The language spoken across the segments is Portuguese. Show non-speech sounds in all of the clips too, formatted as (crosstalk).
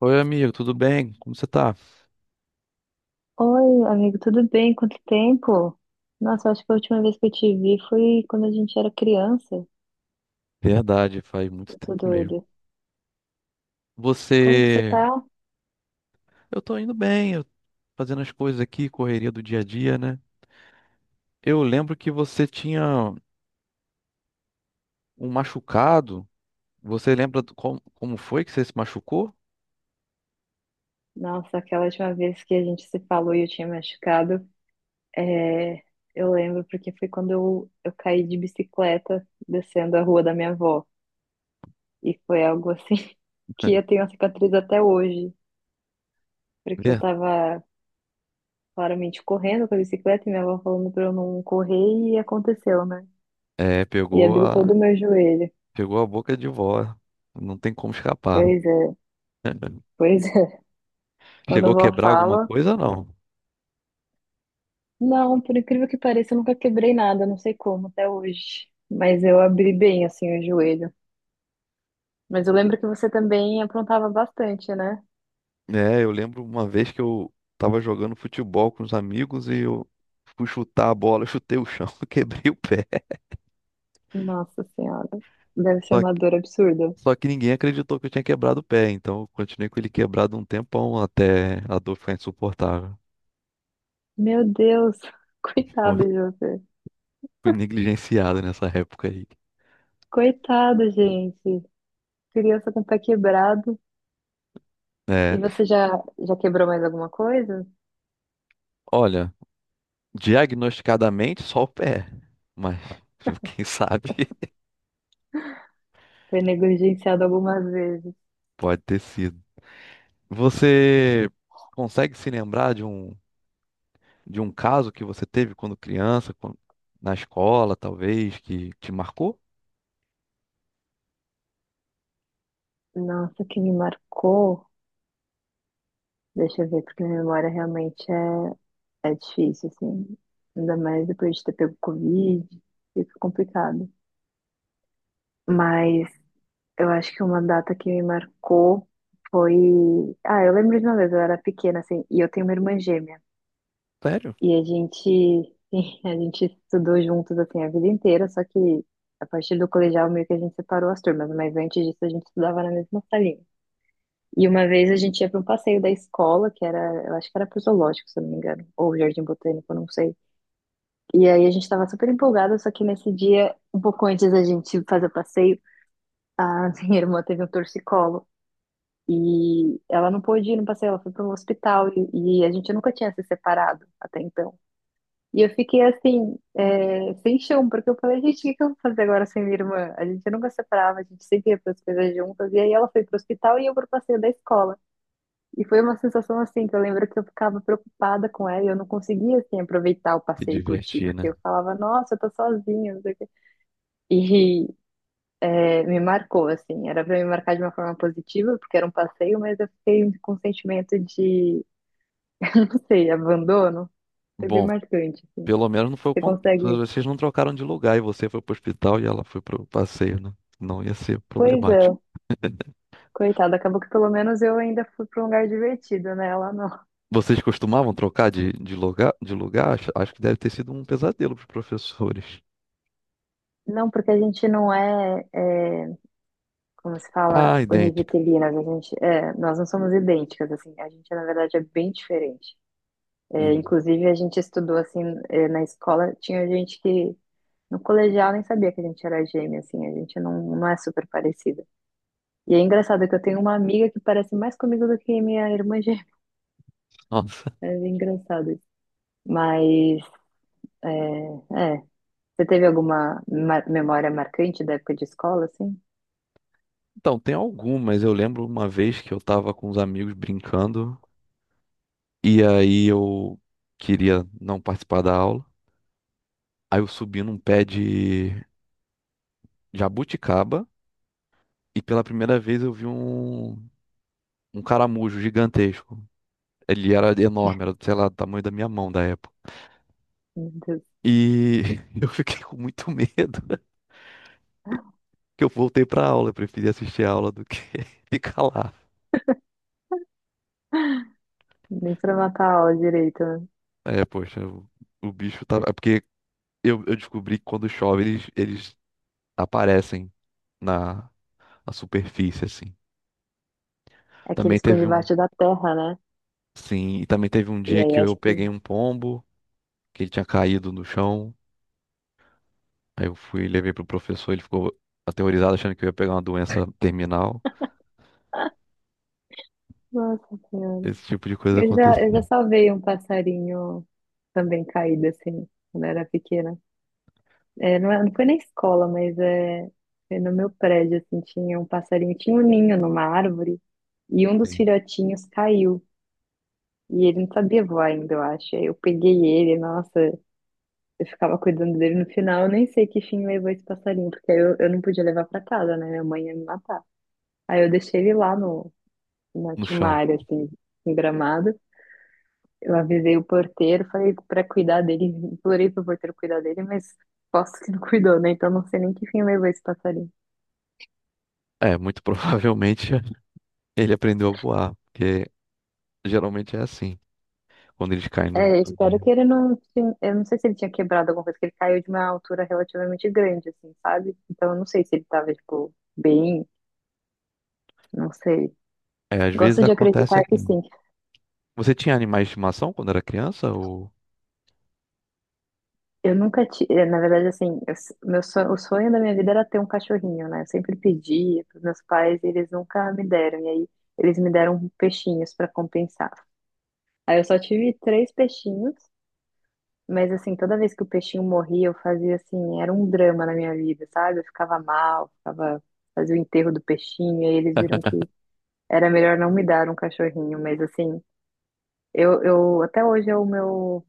Oi, amigo, tudo bem? Como você tá? Oi, amigo, tudo bem? Quanto tempo? Nossa, eu acho que a última vez que eu te vi foi quando a gente era criança. Verdade, faz muito Eu tô tempo mesmo. doida. Como que você Você. tá? Eu tô indo bem, eu- Fazendo as coisas aqui, correria do dia a dia, né? Eu lembro que você tinha um machucado. Você lembra como foi que você se machucou? Nossa, aquela última vez que a gente se falou e eu tinha machucado, é, eu lembro porque foi quando eu caí de bicicleta descendo a rua da minha avó. E foi algo assim (laughs) que eu (laughs) tenho a cicatriz até hoje, porque Vê? eu tava claramente correndo com a bicicleta e minha avó falando pra eu não correr e aconteceu, né? É, E pegou abri todo a... o meu joelho. Pegou a boca de vó. Não tem como escapar. Pois é. (laughs) Pois é, (laughs) quando Chegou a a vó quebrar alguma fala, coisa, não? não, por incrível que pareça, eu nunca quebrei nada, não sei como até hoje. Mas eu abri bem assim o joelho. Mas eu lembro que você também aprontava bastante, né? É, eu lembro uma vez que eu tava jogando futebol com os amigos e eu fui chutar a bola, eu chutei o chão, (laughs) quebrei o pé. Nossa Senhora, deve ser Só que, uma dor absurda. só que ninguém acreditou que eu tinha quebrado o pé, então eu continuei com ele quebrado um tempão até a dor ficar insuportável. Meu Deus, (laughs) (laughs) Pô, coitado de você. fui negligenciado nessa época aí. Coitado, gente. Criança com o pé quebrado. É, E você já quebrou mais alguma coisa? olha, diagnosticadamente só o pé, mas (laughs) quem sabe (laughs) Foi negligenciado algumas vezes. pode ter sido. Você consegue se lembrar de um caso que você teve quando na escola, talvez, que te marcou? Nossa, o que me marcou. Deixa eu ver, porque minha memória realmente é. É difícil, assim. Ainda mais depois de ter pego Covid, fica complicado. Mas eu acho que uma data que me marcou foi. Ah, eu lembro de uma vez, eu era pequena, assim, e eu tenho uma irmã gêmea. Sério? E a gente, (laughs) a gente estudou juntos, assim, a vida inteira, só que a partir do colegial meio que a gente separou as turmas, mas antes disso a gente estudava na mesma salinha. E uma vez a gente ia para um passeio da escola, que era, eu acho que era pro zoológico, se eu não me engano, ou Jardim Botânico, eu não sei. E aí a gente tava super empolgada, só que nesse dia, um pouco antes da gente fazer o passeio, a (laughs) minha irmã teve um torcicolo. E ela não pôde ir no passeio, ela foi para um hospital e a gente nunca tinha se separado até então. E eu fiquei assim, sem chão, porque eu falei, gente, o que que eu vou fazer agora sem minha irmã? A gente nunca separava, a gente sempre ia para as coisas juntas. E aí ela foi para o hospital e eu para o passeio da escola. E foi uma sensação assim, que eu lembro que eu ficava preocupada com ela e eu não conseguia assim, aproveitar o Se passeio e curtir, divertir, porque né? eu falava, nossa, eu tô sozinha, não sei o quê. E me marcou, assim, era pra me marcar de uma forma positiva, porque era um passeio, mas eu fiquei com um sentimento de, (laughs) não sei, abandono. Foi bem Bom, marcante, assim. pelo menos não foi o Você contrário. consegue. Vocês não trocaram de lugar e você foi pro hospital e ela foi pro passeio, né? Não ia ser Pois é, problemático. coitada, acabou que pelo menos eu ainda fui pra um lugar divertido, né? Ela não. Vocês costumavam trocar de lugar? Acho, acho que deve ter sido um pesadelo para os professores. Não, porque a gente não é como se fala, Ah, idêntica. univitelinas, a gente, nós não somos idênticas, assim, a gente, na verdade, é bem diferente. É, Hum. inclusive, a gente estudou, assim, na escola, tinha gente que, no colegial, nem sabia que a gente era gêmea, assim, a gente não, não é super parecida. E é engraçado que eu tenho uma amiga que parece mais comigo do que minha irmã gêmea, Nossa. (laughs) é engraçado isso. Mas, é, é, você teve alguma memória marcante da época de escola, assim? Então, tem algumas. Eu lembro uma vez que eu estava com os amigos brincando e aí eu queria não participar da aula. Aí eu subi num pé de jabuticaba e pela primeira vez eu vi um caramujo gigantesco. Ele era enorme, era, sei lá, do tamanho da minha mão da época. Meu Deus, E (laughs) eu fiquei com muito medo (laughs) (laughs) que eu voltei pra aula. Eu preferi assistir a aula do que (laughs) ficar lá. nem pra matar a aula direito, né? É, poxa, o bicho tava. É porque eu descobri que quando chove eles aparecem na, na superfície, assim. É que eles Também ficam teve um. debaixo da terra, né? Sim, e também teve um E dia aí que acho eu peguei que. um pombo, que ele tinha caído no chão. Aí eu fui e levei pro professor, ele ficou aterrorizado achando que eu ia pegar uma doença terminal. Nossa Senhora. Esse tipo de coisa Eu já, aconteceu eu já salvei um passarinho também caído, assim, quando eu era pequena. É, não, não foi na escola, mas foi no meu prédio, assim, tinha um passarinho, tinha um ninho numa árvore, e um dos assim, filhotinhos caiu. E ele não sabia voar ainda, eu acho. Aí eu peguei ele, nossa, eu ficava cuidando dele no final, eu nem sei que fim levou esse passarinho, porque aí eu não podia levar pra casa, né? Minha mãe ia me matar. Aí eu deixei ele lá no, na no chão. Timária, assim, em Gramado. Eu avisei o porteiro, falei pra cuidar dele, implorei pro porteiro cuidar dele, mas posso que não cuidou, né? Então não sei nem que fim levou esse passarinho. É, muito provavelmente (laughs) ele aprendeu a voar, porque geralmente é assim, quando eles caem É, do eu do espero que ninho. ele não. Eu não sei se ele tinha quebrado alguma coisa, que ele caiu de uma altura relativamente grande, assim, sabe? Então eu não sei se ele tava, tipo, bem, não sei. É, às vezes Gosto de acontece acreditar que aqui. sim. Você tinha animais de estimação quando era criança? Ou... Eu nunca tive, na verdade, assim, meu sonho, o sonho da minha vida era ter um cachorrinho, né? Eu sempre pedia pros meus pais e eles nunca me deram. E aí eles me deram peixinhos para compensar. Aí eu só tive três peixinhos, mas assim, toda vez que o peixinho morria, eu fazia assim, era um drama na minha vida, sabe? Eu ficava mal, ficava, fazia o enterro do peixinho, e aí eles viram que era melhor não me dar um cachorrinho, mas assim, eu até hoje é o meu.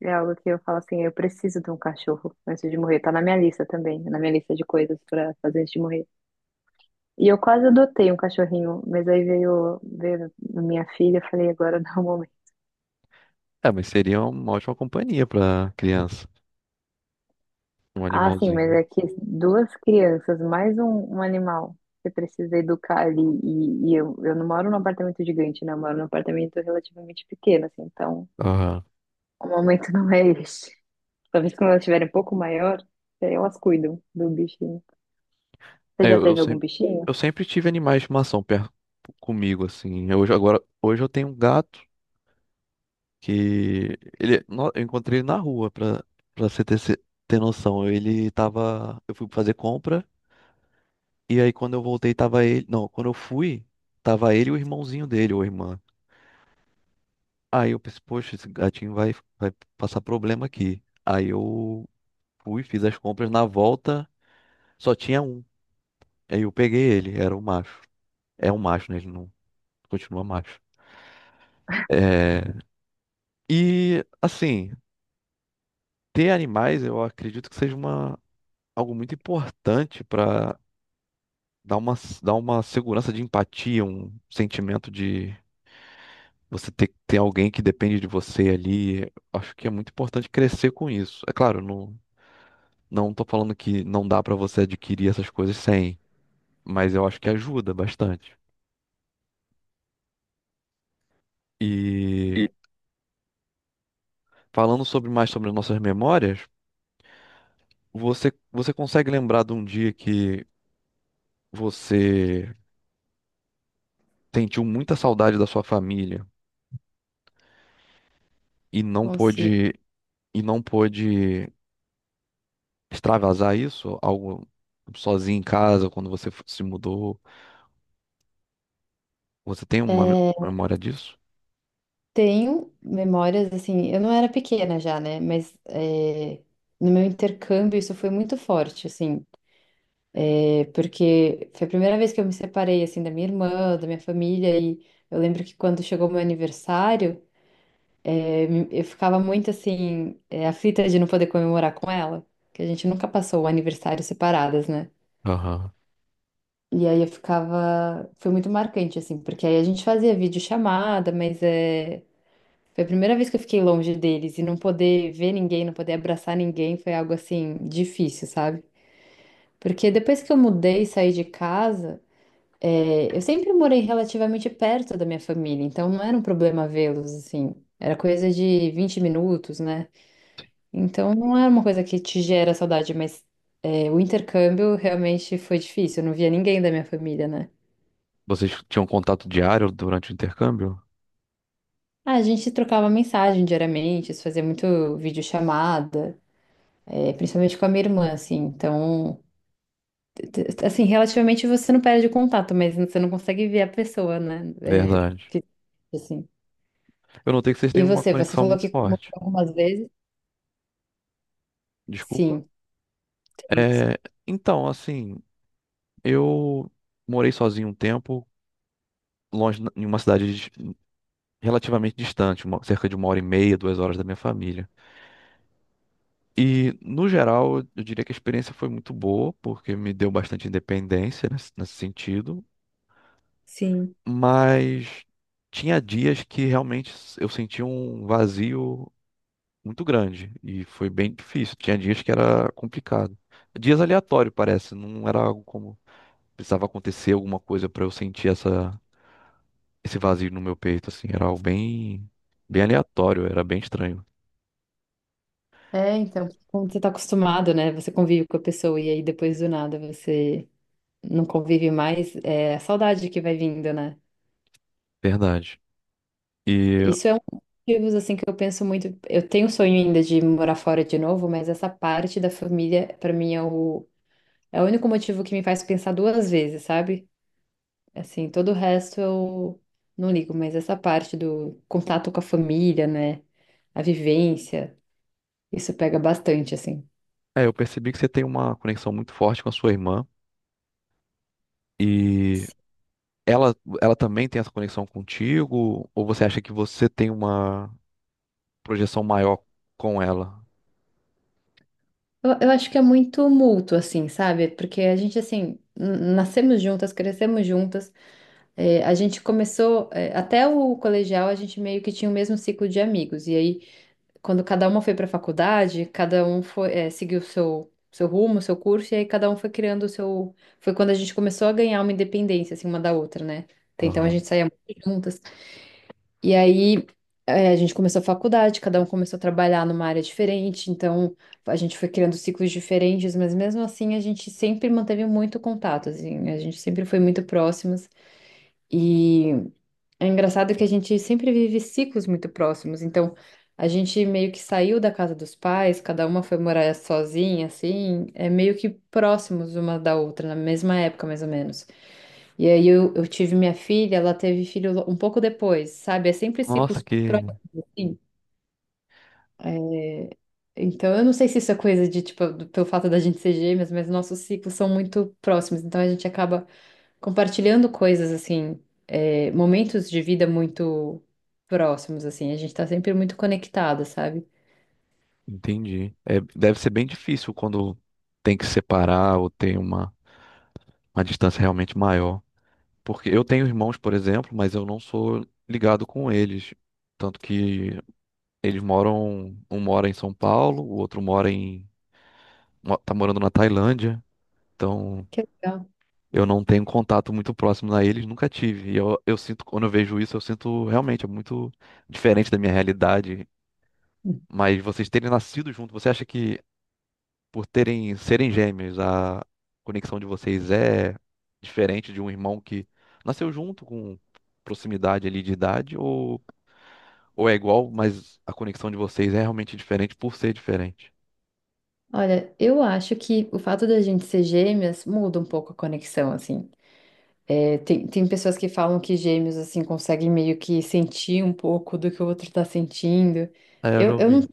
É algo que eu falo assim, eu preciso de um cachorro antes de morrer. Tá na minha lista também, na minha lista de coisas pra fazer antes de morrer. E eu quase adotei um cachorrinho, mas aí veio minha filha, eu falei, agora não é o momento. É, mas seria uma ótima companhia pra criança, um Ah, sim, mas animalzinho. é que duas crianças, mais um animal, você precisa educar ali. E eu não moro num apartamento gigante, né? Eu moro num apartamento relativamente pequeno, assim, então Aham. o momento (laughs) não é este. Talvez quando elas estiverem um pouco maior, aí elas cuidam do bichinho. Você É, já eu, eu teve algum sempre, bichinho? eu sempre tive animais de estimação perto comigo, assim. Eu, hoje, agora, hoje eu tenho um gato que ele, eu encontrei ele na rua, pra você ter, ter noção. Ele tava. Eu fui fazer compra, e aí quando eu voltei, tava ele. Não, quando eu fui, tava ele e o irmãozinho dele, ou irmã. Aí eu pensei, poxa, esse gatinho vai passar problema aqui. Aí eu fui, fiz as compras na volta, só tinha um. Aí eu peguei ele, era um macho. É um macho, né? Ele não continua macho. É, e assim, ter animais eu acredito que seja uma, algo muito importante para dá uma, dá uma segurança de empatia, um sentimento de você ter, que ter alguém que depende de você ali. Acho que é muito importante crescer com isso. É claro, não, não tô falando que não dá pra você adquirir essas coisas sem, mas eu acho que ajuda bastante. E E falando sobre mais sobre as nossas memórias, você, você consegue lembrar de um dia que você sentiu muita saudade da sua família e não Consigo. pôde, e não pôde extravasar isso, algo sozinho em casa, quando você se mudou? Você tem uma É, memória disso? tenho memórias, assim, eu não era pequena já, né? Mas no meu intercâmbio isso foi muito forte, assim, porque foi a primeira vez que eu me separei, assim, da minha irmã, da minha família, e eu lembro que quando chegou meu aniversário, eu ficava muito, assim, aflita de não poder comemorar com ela, que a gente nunca passou o aniversário separadas, né? Aham. E aí eu ficava, foi muito marcante, assim, porque aí a gente fazia videochamada, mas é. Foi a primeira vez que eu fiquei longe deles e não poder ver ninguém, não poder abraçar ninguém foi algo assim difícil, sabe? Porque depois que eu mudei e saí de casa, eu sempre morei relativamente perto da minha família, então não era um problema vê-los assim. Era coisa de 20 minutos, né? Então não era uma coisa que te gera saudade, mas o intercâmbio realmente foi difícil. Eu não via ninguém da minha família, né? Vocês tinham contato diário durante o intercâmbio? Ah, a gente trocava mensagem diariamente, se fazia muito videochamada. É, principalmente com a minha irmã, assim. Então, t- assim, relativamente você não perde o contato, mas você não consegue ver a pessoa, né? Verdade. Assim. Eu notei que vocês têm E uma você conexão falou muito que mudou forte. algumas vezes? Desculpa. Sim, tem isso. É, então, assim, eu morei sozinho um tempo, longe, em uma cidade relativamente distante, cerca de uma hora e meia, duas horas da minha família. E, no geral, eu diria que a experiência foi muito boa, porque me deu bastante independência nesse sentido. Sim. Mas tinha dias que realmente eu sentia um vazio muito grande e foi bem difícil. Tinha dias que era complicado. Dias aleatório, parece, não era algo como precisava acontecer alguma coisa para eu sentir essa esse vazio no meu peito assim, era algo bem bem aleatório, era bem estranho, Então, como você tá acostumado, né? Você convive com a pessoa e aí depois do nada você não convive mais, é a saudade que vai vindo, né? verdade. E Isso é um dos motivos, assim, que eu penso muito. Eu tenho o sonho ainda de morar fora de novo, mas essa parte da família, pra mim, é o único motivo que me faz pensar duas vezes, sabe? Assim, todo o resto eu não ligo, mas essa parte do contato com a família, né? A vivência, isso pega bastante, assim. é, eu percebi que você tem uma conexão muito forte com a sua irmã e Ela, ela também tem essa conexão contigo? Ou você acha que você tem uma projeção maior com ela. Eu acho que é muito mútuo, assim, sabe? Porque a gente, assim, nascemos juntas, crescemos juntas. É, a gente começou, até o colegial, a gente meio que tinha o mesmo ciclo de amigos. E aí quando cada uma foi para a faculdade, cada um foi, seguiu o seu rumo, seu curso, e aí cada um foi criando o seu. Foi quando a gente começou a ganhar uma independência, assim, uma da outra, né? Até então a Aham. gente saía muito juntas. E aí a gente começou a faculdade, cada um começou a trabalhar numa área diferente, então a gente foi criando ciclos diferentes, mas mesmo assim a gente sempre manteve muito contato, assim, a gente sempre foi muito próximas. E. É engraçado que a gente sempre vive ciclos muito próximos, então a gente meio que saiu da casa dos pais, cada uma foi morar sozinha, assim, é meio que próximos uma da outra, na mesma época mais ou menos. E aí eu tive minha filha, ela teve filho um pouco depois, sabe? É sempre Nossa, ciclos que. próximos. Assim. É, então eu não sei se isso é coisa de, tipo, pelo fato da gente ser gêmeas, mas nossos ciclos são muito próximos, então a gente acaba compartilhando coisas assim, momentos de vida muito próximos, assim, a gente tá sempre muito conectada, sabe? Entendi. É, deve ser bem difícil quando tem que separar ou tem uma distância realmente maior. Porque eu tenho irmãos, por exemplo, mas eu não sou ligado com eles. Tanto que eles moram. Um mora em São Paulo, o outro mora em. Tá morando na Tailândia. Então Que legal. eu não tenho contato muito próximo a eles, nunca tive. E eu sinto, quando eu vejo isso, eu sinto realmente é muito diferente da minha realidade. Mas vocês terem nascido junto, você acha que por terem serem gêmeos, a conexão de vocês é diferente de um irmão que nasceu junto com proximidade ali de idade ou é igual, mas a conexão de vocês é realmente diferente por ser diferente? Olha, eu acho que o fato da gente ser gêmeas muda um pouco a conexão, assim. É, tem pessoas que falam que gêmeos, assim, conseguem meio que sentir um pouco do que o outro tá sentindo. É, eu Eu, já eu não, ouvi.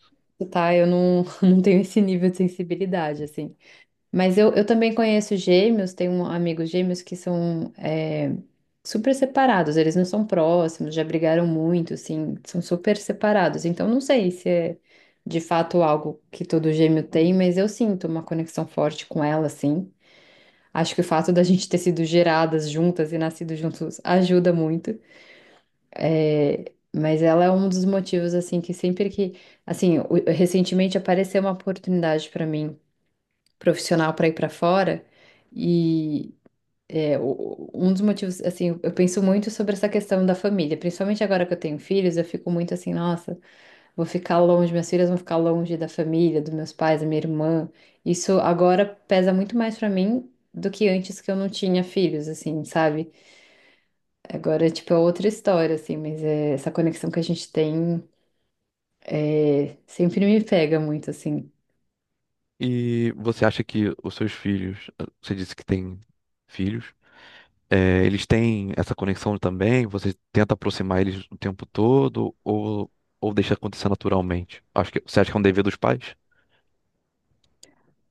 tá? Eu não, (laughs) não tenho esse nível de sensibilidade, assim. Mas eu também conheço gêmeos, tenho amigos gêmeos que são super separados, eles não são próximos, já brigaram muito, assim, são super separados. Então não sei se é de fato algo que todo gêmeo tem, mas eu sinto uma conexão forte com ela, assim. Acho que o fato da gente ter sido geradas juntas e nascido juntos ajuda muito. É, mas ela é um dos motivos, assim, que sempre que. Assim, recentemente apareceu uma oportunidade para mim, profissional, para ir para fora. É, um dos motivos, assim, eu penso muito sobre essa questão da família, principalmente agora que eu tenho filhos, eu fico muito assim, nossa, vou ficar longe, minhas filhas vão ficar longe da família, dos meus pais, da minha irmã. Isso agora pesa muito mais pra mim do que antes que eu não tinha filhos, assim, sabe? Agora, tipo, é outra história, assim, mas essa conexão que a gente tem sempre me pega muito, assim. E você acha que os seus filhos, você disse que tem filhos, é, eles têm essa conexão também? Você tenta aproximar eles o tempo todo ou deixa acontecer naturalmente? Acho que, você acha que é um dever dos pais?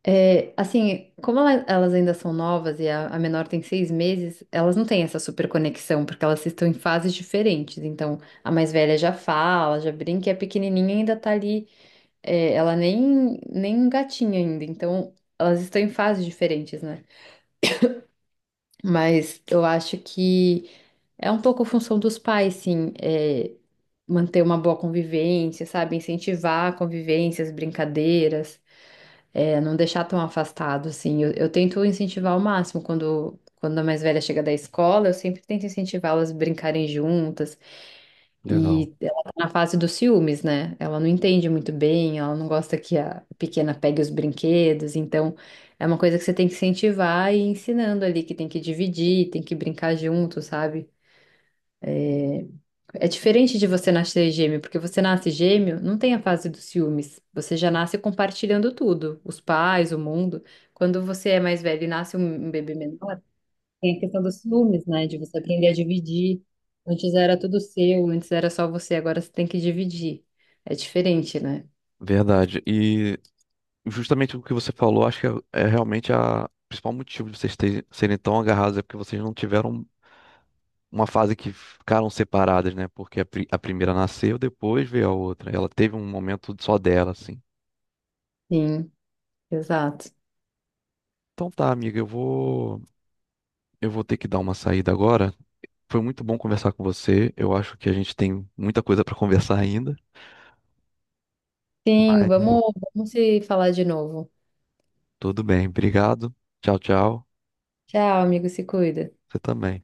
É, assim, como elas ainda são novas e a menor tem 6 meses, elas não têm essa super conexão, porque elas estão em fases diferentes. Então, a mais velha já fala, já brinca, e a pequenininha ainda tá ali, ela nem um gatinho ainda. Então, elas estão em fases diferentes, né? Mas eu acho que é um pouco função dos pais, sim, manter uma boa convivência, sabe? Incentivar convivências, brincadeiras. É, não deixar tão afastado, assim. Eu tento incentivar ao máximo. Quando a mais velha chega da escola, eu sempre tento incentivá-las a brincarem juntas. Legal, E ela tá na fase dos ciúmes, né? Ela não entende muito bem, ela não gosta que a pequena pegue os brinquedos. Então, é uma coisa que você tem que incentivar e ir ensinando ali, que tem que dividir, tem que brincar junto, sabe? É diferente de você nascer gêmeo, porque você nasce gêmeo, não tem a fase dos ciúmes. Você já nasce compartilhando tudo, os pais, o mundo. Quando você é mais velho e nasce um bebê menor, tem a questão dos ciúmes, né? De você aprender a dividir. Antes era tudo seu, antes era só você, agora você tem que dividir. É diferente, né? verdade. E justamente o que você falou, acho que é realmente a o principal motivo de serem tão agarrados é porque vocês não tiveram uma fase que ficaram separadas, né? Porque a primeira nasceu, depois veio a outra. Ela teve um momento só dela, assim. Sim, exato. Então tá, amiga, eu vou ter que dar uma saída agora. Foi muito bom conversar com você. Eu acho que a gente tem muita coisa para conversar ainda. Sim, Mas, pô, vamos se falar de novo. tudo bem. Obrigado. Tchau, tchau. Tchau, amigo, se cuida. Você também.